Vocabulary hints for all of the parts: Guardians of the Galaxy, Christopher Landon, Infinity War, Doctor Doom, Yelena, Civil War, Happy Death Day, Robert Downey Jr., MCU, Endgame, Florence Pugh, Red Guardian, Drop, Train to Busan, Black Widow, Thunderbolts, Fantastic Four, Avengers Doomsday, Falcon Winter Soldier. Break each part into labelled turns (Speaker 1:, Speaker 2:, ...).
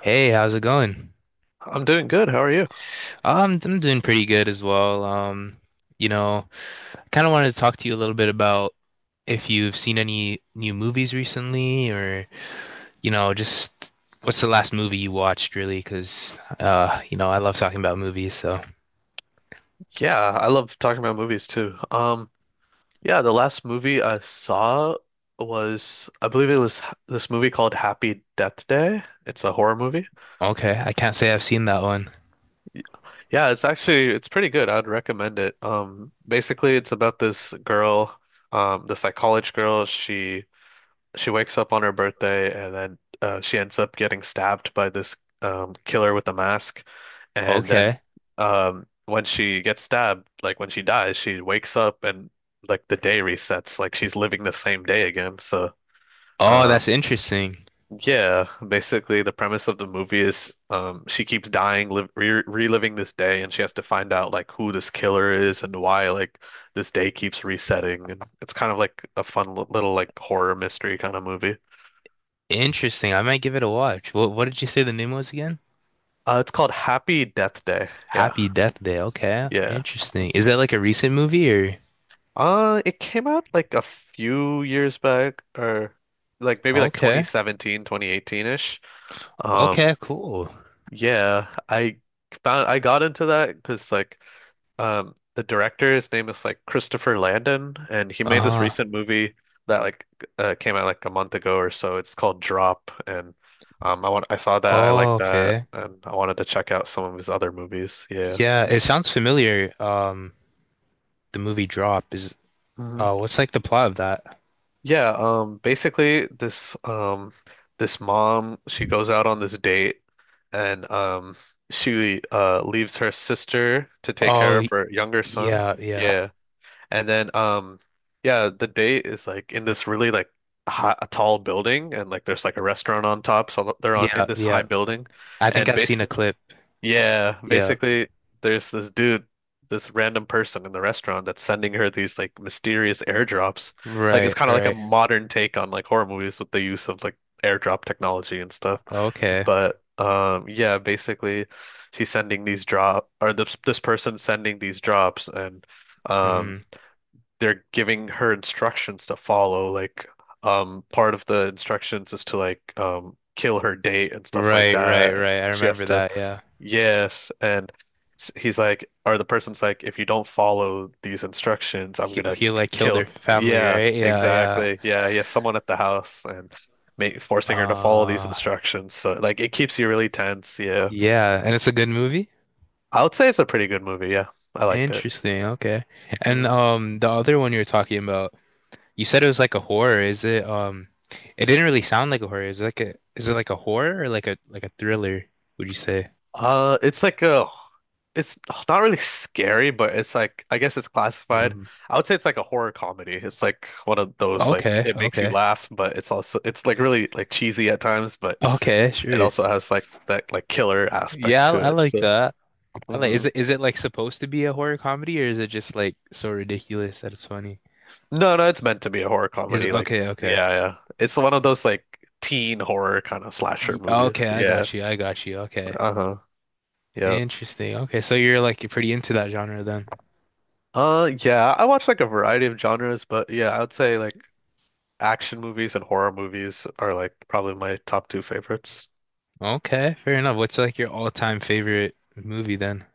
Speaker 1: Hey, how's it going?
Speaker 2: I'm doing good. How are you?
Speaker 1: I'm doing pretty good as well. You know, I kind of wanted to talk to you a little bit about if you've seen any new movies recently, or just what's the last movie you watched, really? Because I love talking about movies, so.
Speaker 2: Yeah, I love talking about movies too. Yeah, the last movie I saw was, I believe it was this movie called Happy Death Day. It's a horror movie.
Speaker 1: Okay, I can't say I've seen that one.
Speaker 2: Yeah, it's actually it's pretty good. I'd recommend it. Basically it's about this girl, this like college girl. She wakes up on her birthday, and then she ends up getting stabbed by this killer with a mask. And then
Speaker 1: Okay.
Speaker 2: when she gets stabbed, like when she dies, she wakes up, and like the day resets, like she's living the same day again. So
Speaker 1: Oh,
Speaker 2: um,
Speaker 1: that's interesting.
Speaker 2: yeah, basically the premise of the movie is, she keeps dying, live re reliving this day, and she has to find out like who this killer is and why like this day keeps resetting. And it's kind of like a fun little like horror mystery kind of movie.
Speaker 1: Interesting. I might give it a watch. What did you say the name was again?
Speaker 2: It's called Happy Death Day. Yeah,
Speaker 1: Happy Death Day. Okay,
Speaker 2: yeah.
Speaker 1: interesting. Is
Speaker 2: Mhm.
Speaker 1: that like a recent movie or?
Speaker 2: It came out like a few years back, or like maybe like twenty
Speaker 1: Okay,
Speaker 2: seventeen, 2018 ish. Um,
Speaker 1: okay, cool.
Speaker 2: yeah, I found I got into that because like the director, his name is like Christopher Landon, and he made this
Speaker 1: Uh,
Speaker 2: recent movie that like came out like a month ago or so. It's called Drop, and I saw that, I
Speaker 1: oh,
Speaker 2: liked that,
Speaker 1: okay.
Speaker 2: and I wanted to check out some of his other movies. Yeah.
Speaker 1: Yeah, it sounds familiar. The movie Drop is. What's like the plot of that?
Speaker 2: Yeah, basically this this mom, she goes out on this date, and she leaves her sister to take
Speaker 1: Oh,
Speaker 2: care of
Speaker 1: y-
Speaker 2: her younger son.
Speaker 1: yeah, yeah,
Speaker 2: Yeah. And then yeah, the date is like in this really like a tall building, and like there's like a restaurant on top, so they're on in
Speaker 1: yeah,
Speaker 2: this
Speaker 1: yeah.
Speaker 2: high building,
Speaker 1: I think
Speaker 2: and
Speaker 1: I've seen
Speaker 2: bas
Speaker 1: a clip.
Speaker 2: yeah,
Speaker 1: Yeah.
Speaker 2: basically, there's this dude, this random person in the restaurant that's sending her these like mysterious airdrops. Like it's
Speaker 1: Right,
Speaker 2: kind of like a
Speaker 1: right.
Speaker 2: modern take on like horror movies with the use of like airdrop technology and stuff.
Speaker 1: Okay.
Speaker 2: But yeah, basically she's sending these drop or this person sending these drops, and um
Speaker 1: hmm
Speaker 2: they're giving her instructions to follow. Like part of the instructions is to like kill her date and stuff like
Speaker 1: Right, right,
Speaker 2: that.
Speaker 1: right. I
Speaker 2: She has
Speaker 1: remember
Speaker 2: to—
Speaker 1: that. Yeah.
Speaker 2: Yes, and he's like, or the person's like, if you don't follow these instructions, I'm
Speaker 1: He,
Speaker 2: gonna
Speaker 1: he like killed
Speaker 2: kill.
Speaker 1: their family,
Speaker 2: Yeah,
Speaker 1: right? Yeah,
Speaker 2: exactly. Yeah, he has someone at the house and forcing her to follow these
Speaker 1: yeah.
Speaker 2: instructions. So like, it keeps you really tense. Yeah,
Speaker 1: Yeah. And it's a good movie.
Speaker 2: I would say it's a pretty good movie. Yeah, I liked it.
Speaker 1: Interesting. Okay. And
Speaker 2: Mhm.
Speaker 1: the other one you were talking about, you said it was like a horror. Is it it didn't really sound like a horror. Is it like a horror or like a thriller, would you say?
Speaker 2: Uh, it's like a, it's not really scary, but it's like, I guess it's classified.
Speaker 1: Mm.
Speaker 2: I would say it's like a horror comedy. It's like one of those like
Speaker 1: Okay,
Speaker 2: it makes you
Speaker 1: okay.
Speaker 2: laugh, but it's also it's like really like cheesy at times, but.
Speaker 1: Okay,
Speaker 2: It
Speaker 1: sure.
Speaker 2: also has like that like killer aspect
Speaker 1: Yeah,
Speaker 2: to
Speaker 1: I
Speaker 2: it.
Speaker 1: like
Speaker 2: So.
Speaker 1: that. I like is
Speaker 2: Hmm.
Speaker 1: it is it like supposed to be a horror comedy or is it just like so ridiculous that it's funny?
Speaker 2: No, no, it's meant to be a horror
Speaker 1: Is
Speaker 2: comedy. Like
Speaker 1: okay, okay.
Speaker 2: yeah, yeah. It's one of those like teen horror kind of slasher movies.
Speaker 1: Okay, I
Speaker 2: Yeah.
Speaker 1: got you. I got you. Okay.
Speaker 2: Uh-huh. Yeah.
Speaker 1: Interesting. Okay, so you're pretty into that genre then.
Speaker 2: Yeah, I watch like a variety of genres, but yeah, I would say like action movies and horror movies are like probably my top two favorites.
Speaker 1: Okay, fair enough. What's like your all-time favorite movie then?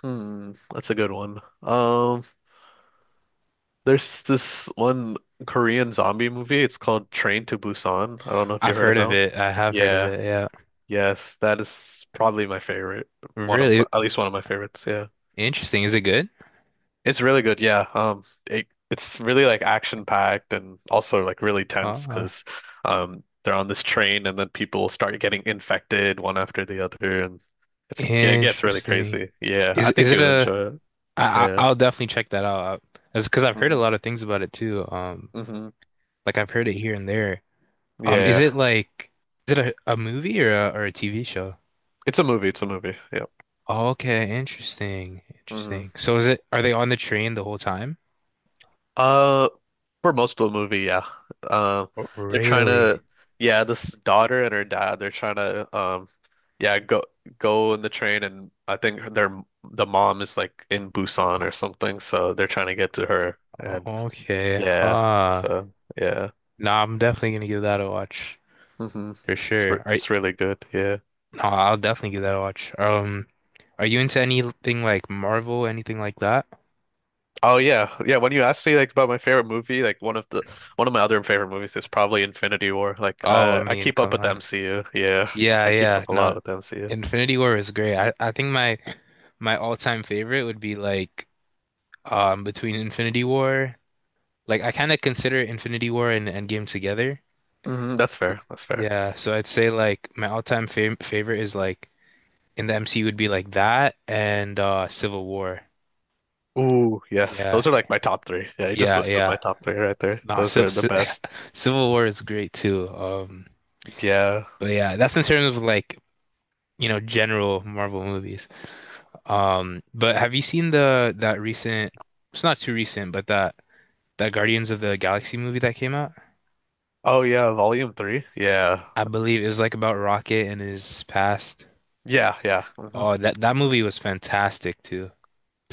Speaker 2: Hmm, that's a good one. There's this one Korean zombie movie. It's called Train to Busan. I don't know if you
Speaker 1: I've
Speaker 2: heard of
Speaker 1: heard
Speaker 2: that
Speaker 1: of
Speaker 2: one.
Speaker 1: it. I have heard of
Speaker 2: Yeah.
Speaker 1: it. Yeah.
Speaker 2: Yes, that is probably my favorite. One of my,
Speaker 1: Really
Speaker 2: at least one of my favorites. Yeah.
Speaker 1: interesting. Is it good?
Speaker 2: It's really good. Yeah. It's really like action packed and also like really tense
Speaker 1: Uh,
Speaker 2: because they're on this train and then people start getting infected one after the other, and it gets really
Speaker 1: interesting.
Speaker 2: crazy. Yeah,
Speaker 1: Is
Speaker 2: I
Speaker 1: is
Speaker 2: think you
Speaker 1: it
Speaker 2: would
Speaker 1: a
Speaker 2: enjoy it. Yeah.
Speaker 1: I'll definitely check that out. That's because I've heard a
Speaker 2: Hmm.
Speaker 1: lot of things about it too.
Speaker 2: Hmm.
Speaker 1: Like I've heard it here and there. Is
Speaker 2: Yeah.
Speaker 1: it like is it a movie or a TV show?
Speaker 2: It's a movie. It's a movie. Yeah.
Speaker 1: Okay, interesting.
Speaker 2: Hmm.
Speaker 1: Interesting. So is it are they on the train the whole time?
Speaker 2: Uh, for most of the movie, yeah. Um,
Speaker 1: Oh,
Speaker 2: they're trying to,
Speaker 1: really?
Speaker 2: yeah, this daughter and her dad, they're trying to, yeah, go in the train, and I think the mom is like in Busan or something, so they're trying to get to her, and
Speaker 1: Okay.
Speaker 2: yeah,
Speaker 1: Huh.
Speaker 2: so yeah.
Speaker 1: No, I'm definitely gonna give that a watch
Speaker 2: Hmm.
Speaker 1: for sure. Are
Speaker 2: It's really good, yeah.
Speaker 1: no, I'll definitely give that a watch. Are you into anything like Marvel, anything like that?
Speaker 2: Oh yeah, yeah. When you asked me like about my favorite movie, like one of my other favorite movies is probably Infinity War. Like
Speaker 1: Oh, I
Speaker 2: I
Speaker 1: mean,
Speaker 2: keep up
Speaker 1: come
Speaker 2: with the
Speaker 1: on.
Speaker 2: MCU, yeah,
Speaker 1: Yeah,
Speaker 2: I keep
Speaker 1: yeah.
Speaker 2: up a lot
Speaker 1: No,
Speaker 2: with the MCU.
Speaker 1: Infinity War is great. I think my all-time favorite would be like between Infinity War. Like I kind of consider Infinity War and Endgame together.
Speaker 2: Hmm, that's fair. That's fair.
Speaker 1: Yeah, so I'd say like my all-time favorite is like in the MCU would be like that and Civil War.
Speaker 2: Ooh, yes.
Speaker 1: Yeah,
Speaker 2: Those are like my top three. Yeah, you just
Speaker 1: yeah,
Speaker 2: listed my
Speaker 1: yeah.
Speaker 2: top three right there.
Speaker 1: Nah,
Speaker 2: Those are
Speaker 1: Civ
Speaker 2: the
Speaker 1: Civ-
Speaker 2: best.
Speaker 1: Civil War is great too.
Speaker 2: Yeah.
Speaker 1: But yeah, that's in terms of like, general Marvel movies. But have you seen the that recent, it's not too recent, but that Guardians of the Galaxy movie that came out?
Speaker 2: Oh yeah, volume three. Yeah.
Speaker 1: I believe it was like about Rocket and his past.
Speaker 2: Yeah, yeah. Hmm.
Speaker 1: Oh, that that movie was fantastic too.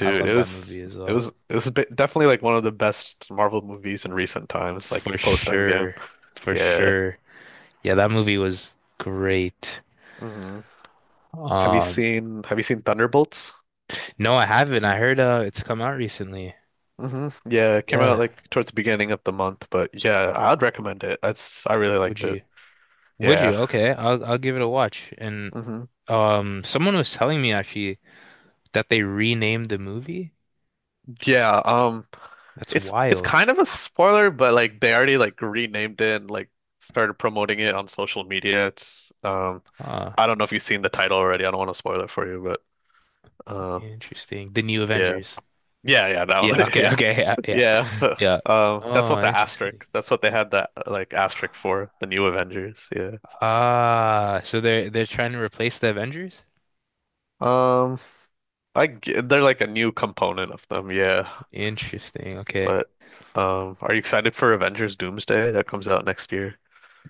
Speaker 1: I love
Speaker 2: it
Speaker 1: that movie
Speaker 2: was
Speaker 1: as well.
Speaker 2: definitely like one of the best Marvel movies in recent times, like
Speaker 1: For
Speaker 2: post Endgame.
Speaker 1: sure. For
Speaker 2: Yeah.
Speaker 1: sure. Yeah, that movie was great.
Speaker 2: Hmm.
Speaker 1: Um,
Speaker 2: Have you seen Thunderbolts?
Speaker 1: no, I haven't. I heard it's come out recently.
Speaker 2: Hmm. Yeah, it came out
Speaker 1: Yeah,
Speaker 2: like towards the beginning of the month, but yeah, I'd recommend it. That's I really
Speaker 1: would
Speaker 2: liked it.
Speaker 1: you? Would you?
Speaker 2: Yeah.
Speaker 1: Okay, I'll give it a watch. And
Speaker 2: Hmm.
Speaker 1: someone was telling me actually that they renamed the movie.
Speaker 2: Yeah, um,
Speaker 1: That's
Speaker 2: It's
Speaker 1: wild.
Speaker 2: kind of a spoiler, but like they already like renamed it and like started promoting it on social media. It's um,
Speaker 1: Ah,
Speaker 2: I don't know if you've seen the title already. I don't want to spoil it for you, but uh
Speaker 1: interesting. The New
Speaker 2: yeah.
Speaker 1: Avengers.
Speaker 2: Yeah, yeah, that one.
Speaker 1: Yeah. Okay.
Speaker 2: Yeah.
Speaker 1: Okay. Yeah. Yeah.
Speaker 2: Yeah.
Speaker 1: Yeah.
Speaker 2: That's what
Speaker 1: Oh,
Speaker 2: the
Speaker 1: interesting.
Speaker 2: asterisk. That's what they had that like asterisk for, the new Avengers. Yeah.
Speaker 1: Ah, so they're trying to replace the Avengers?
Speaker 2: Um, they're like a new component of them. Yeah.
Speaker 1: Interesting. Okay.
Speaker 2: But are you excited for Avengers Doomsday that comes out next year?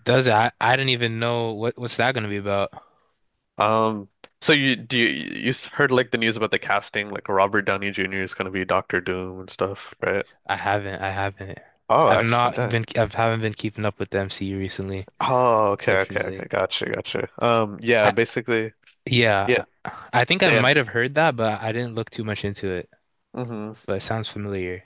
Speaker 1: Does it? I didn't even know what's that gonna be about.
Speaker 2: Um, so you heard like the news about the casting, like Robert Downey Jr. is gonna be Doctor Doom and stuff, right?
Speaker 1: I haven't. I haven't.
Speaker 2: Oh,
Speaker 1: I've
Speaker 2: actually,
Speaker 1: not
Speaker 2: that.
Speaker 1: been. I haven't been keeping up with the MCU recently,
Speaker 2: Oh, okay, okay,
Speaker 1: fortunately.
Speaker 2: okay. Gotcha, gotcha. Yeah,
Speaker 1: I,
Speaker 2: basically, yeah,
Speaker 1: Yeah, I think I
Speaker 2: then,
Speaker 1: might have heard that, but I didn't look too much into it.
Speaker 2: hmm.
Speaker 1: But it sounds familiar.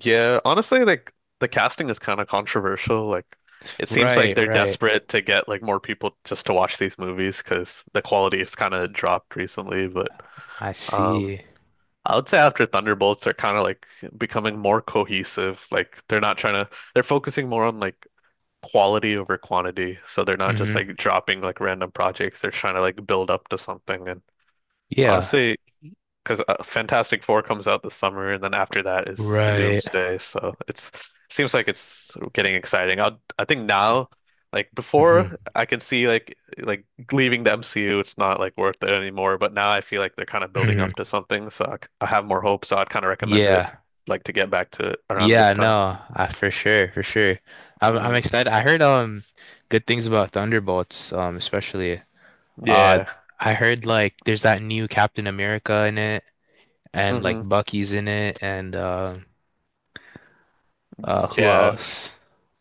Speaker 2: Yeah, honestly, like the casting is kind of controversial. Like, it seems like
Speaker 1: Right,
Speaker 2: they're
Speaker 1: right.
Speaker 2: desperate to get like more people just to watch these movies because the quality has kind of dropped recently. But
Speaker 1: I
Speaker 2: um,
Speaker 1: see.
Speaker 2: I would say after Thunderbolts, they're kind of like becoming more cohesive. Like they're not trying to, they're focusing more on like quality over quantity. So they're not just
Speaker 1: hmm
Speaker 2: like dropping like random projects. They're trying to like build up to something. And
Speaker 1: Yeah,
Speaker 2: honestly, because Fantastic Four comes out this summer, and then after that is
Speaker 1: right.
Speaker 2: Doomsday. So it's seems like it's getting exciting. I think now, like
Speaker 1: hmm
Speaker 2: before, I can see like leaving the MCU, it's not like worth it anymore. But now I feel like they're kind of building
Speaker 1: hmm
Speaker 2: up to something, so I have more hope. So I'd kind of recommend it,
Speaker 1: Yeah.
Speaker 2: like to get back to around
Speaker 1: Yeah,
Speaker 2: this time.
Speaker 1: no, I for sure, for sure. I'm
Speaker 2: Hmm.
Speaker 1: excited. I heard good things about Thunderbolts, especially. Uh
Speaker 2: Yeah.
Speaker 1: I heard like there's that new Captain America in it and like
Speaker 2: Hmm.
Speaker 1: Bucky's in it and who
Speaker 2: Yeah.
Speaker 1: else?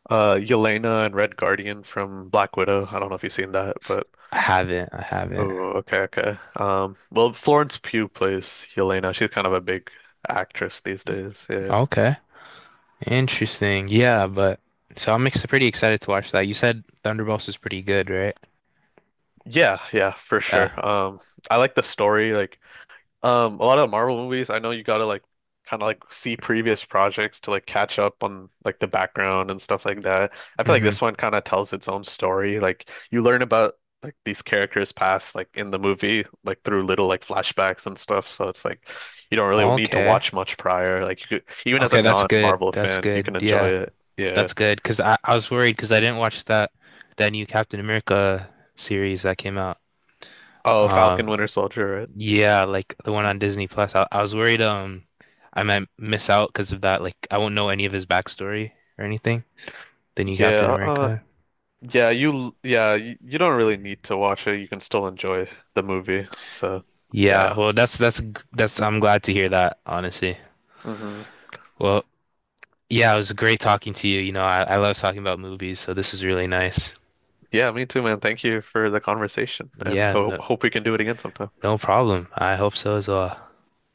Speaker 2: Yelena and Red Guardian from Black Widow. I don't know if you've seen that, but.
Speaker 1: I haven't.
Speaker 2: Oh, okay, okay. Well, Florence Pugh plays Yelena. She's kind of a big actress these days. Yeah.
Speaker 1: Okay. Interesting. Yeah, but so I'm ex pretty excited to watch that. You said Thunderbolts is pretty good, right?
Speaker 2: Yeah, yeah, for
Speaker 1: Yeah.
Speaker 2: sure. I like the story. A lot of Marvel movies, I know you gotta like kind of like see previous projects to like catch up on like the background and stuff like that. I feel like this
Speaker 1: hmm
Speaker 2: one kind of tells its own story. Like you learn about like these characters' past like in the movie, like through little like flashbacks and stuff. So it's like you don't really need to
Speaker 1: Okay.
Speaker 2: watch much prior. Like you could, even as a
Speaker 1: Okay, that's good.
Speaker 2: non-Marvel
Speaker 1: That's
Speaker 2: fan, you
Speaker 1: good.
Speaker 2: can enjoy
Speaker 1: Yeah,
Speaker 2: it. Yeah.
Speaker 1: that's good. Cause I was worried because I didn't watch that new Captain America series that came out.
Speaker 2: Oh, Falcon
Speaker 1: Um,
Speaker 2: Winter Soldier,
Speaker 1: yeah, like the one
Speaker 2: right?
Speaker 1: on Disney Plus. I was worried I might miss out because of that. Like I won't know any of his backstory or anything. The new Captain
Speaker 2: Yeah. Uh,
Speaker 1: America.
Speaker 2: yeah, you don't really need to watch it. You can still enjoy the movie. So,
Speaker 1: Yeah,
Speaker 2: yeah.
Speaker 1: well, that's I'm glad to hear that, honestly.
Speaker 2: Hmm.
Speaker 1: Well, yeah, it was great talking to you. You know, I love talking about movies, so this is really nice.
Speaker 2: Yeah, me too, man. Thank you for the conversation, and
Speaker 1: Yeah,
Speaker 2: ho
Speaker 1: no,
Speaker 2: hope we can do it again sometime.
Speaker 1: no problem. I hope so as well.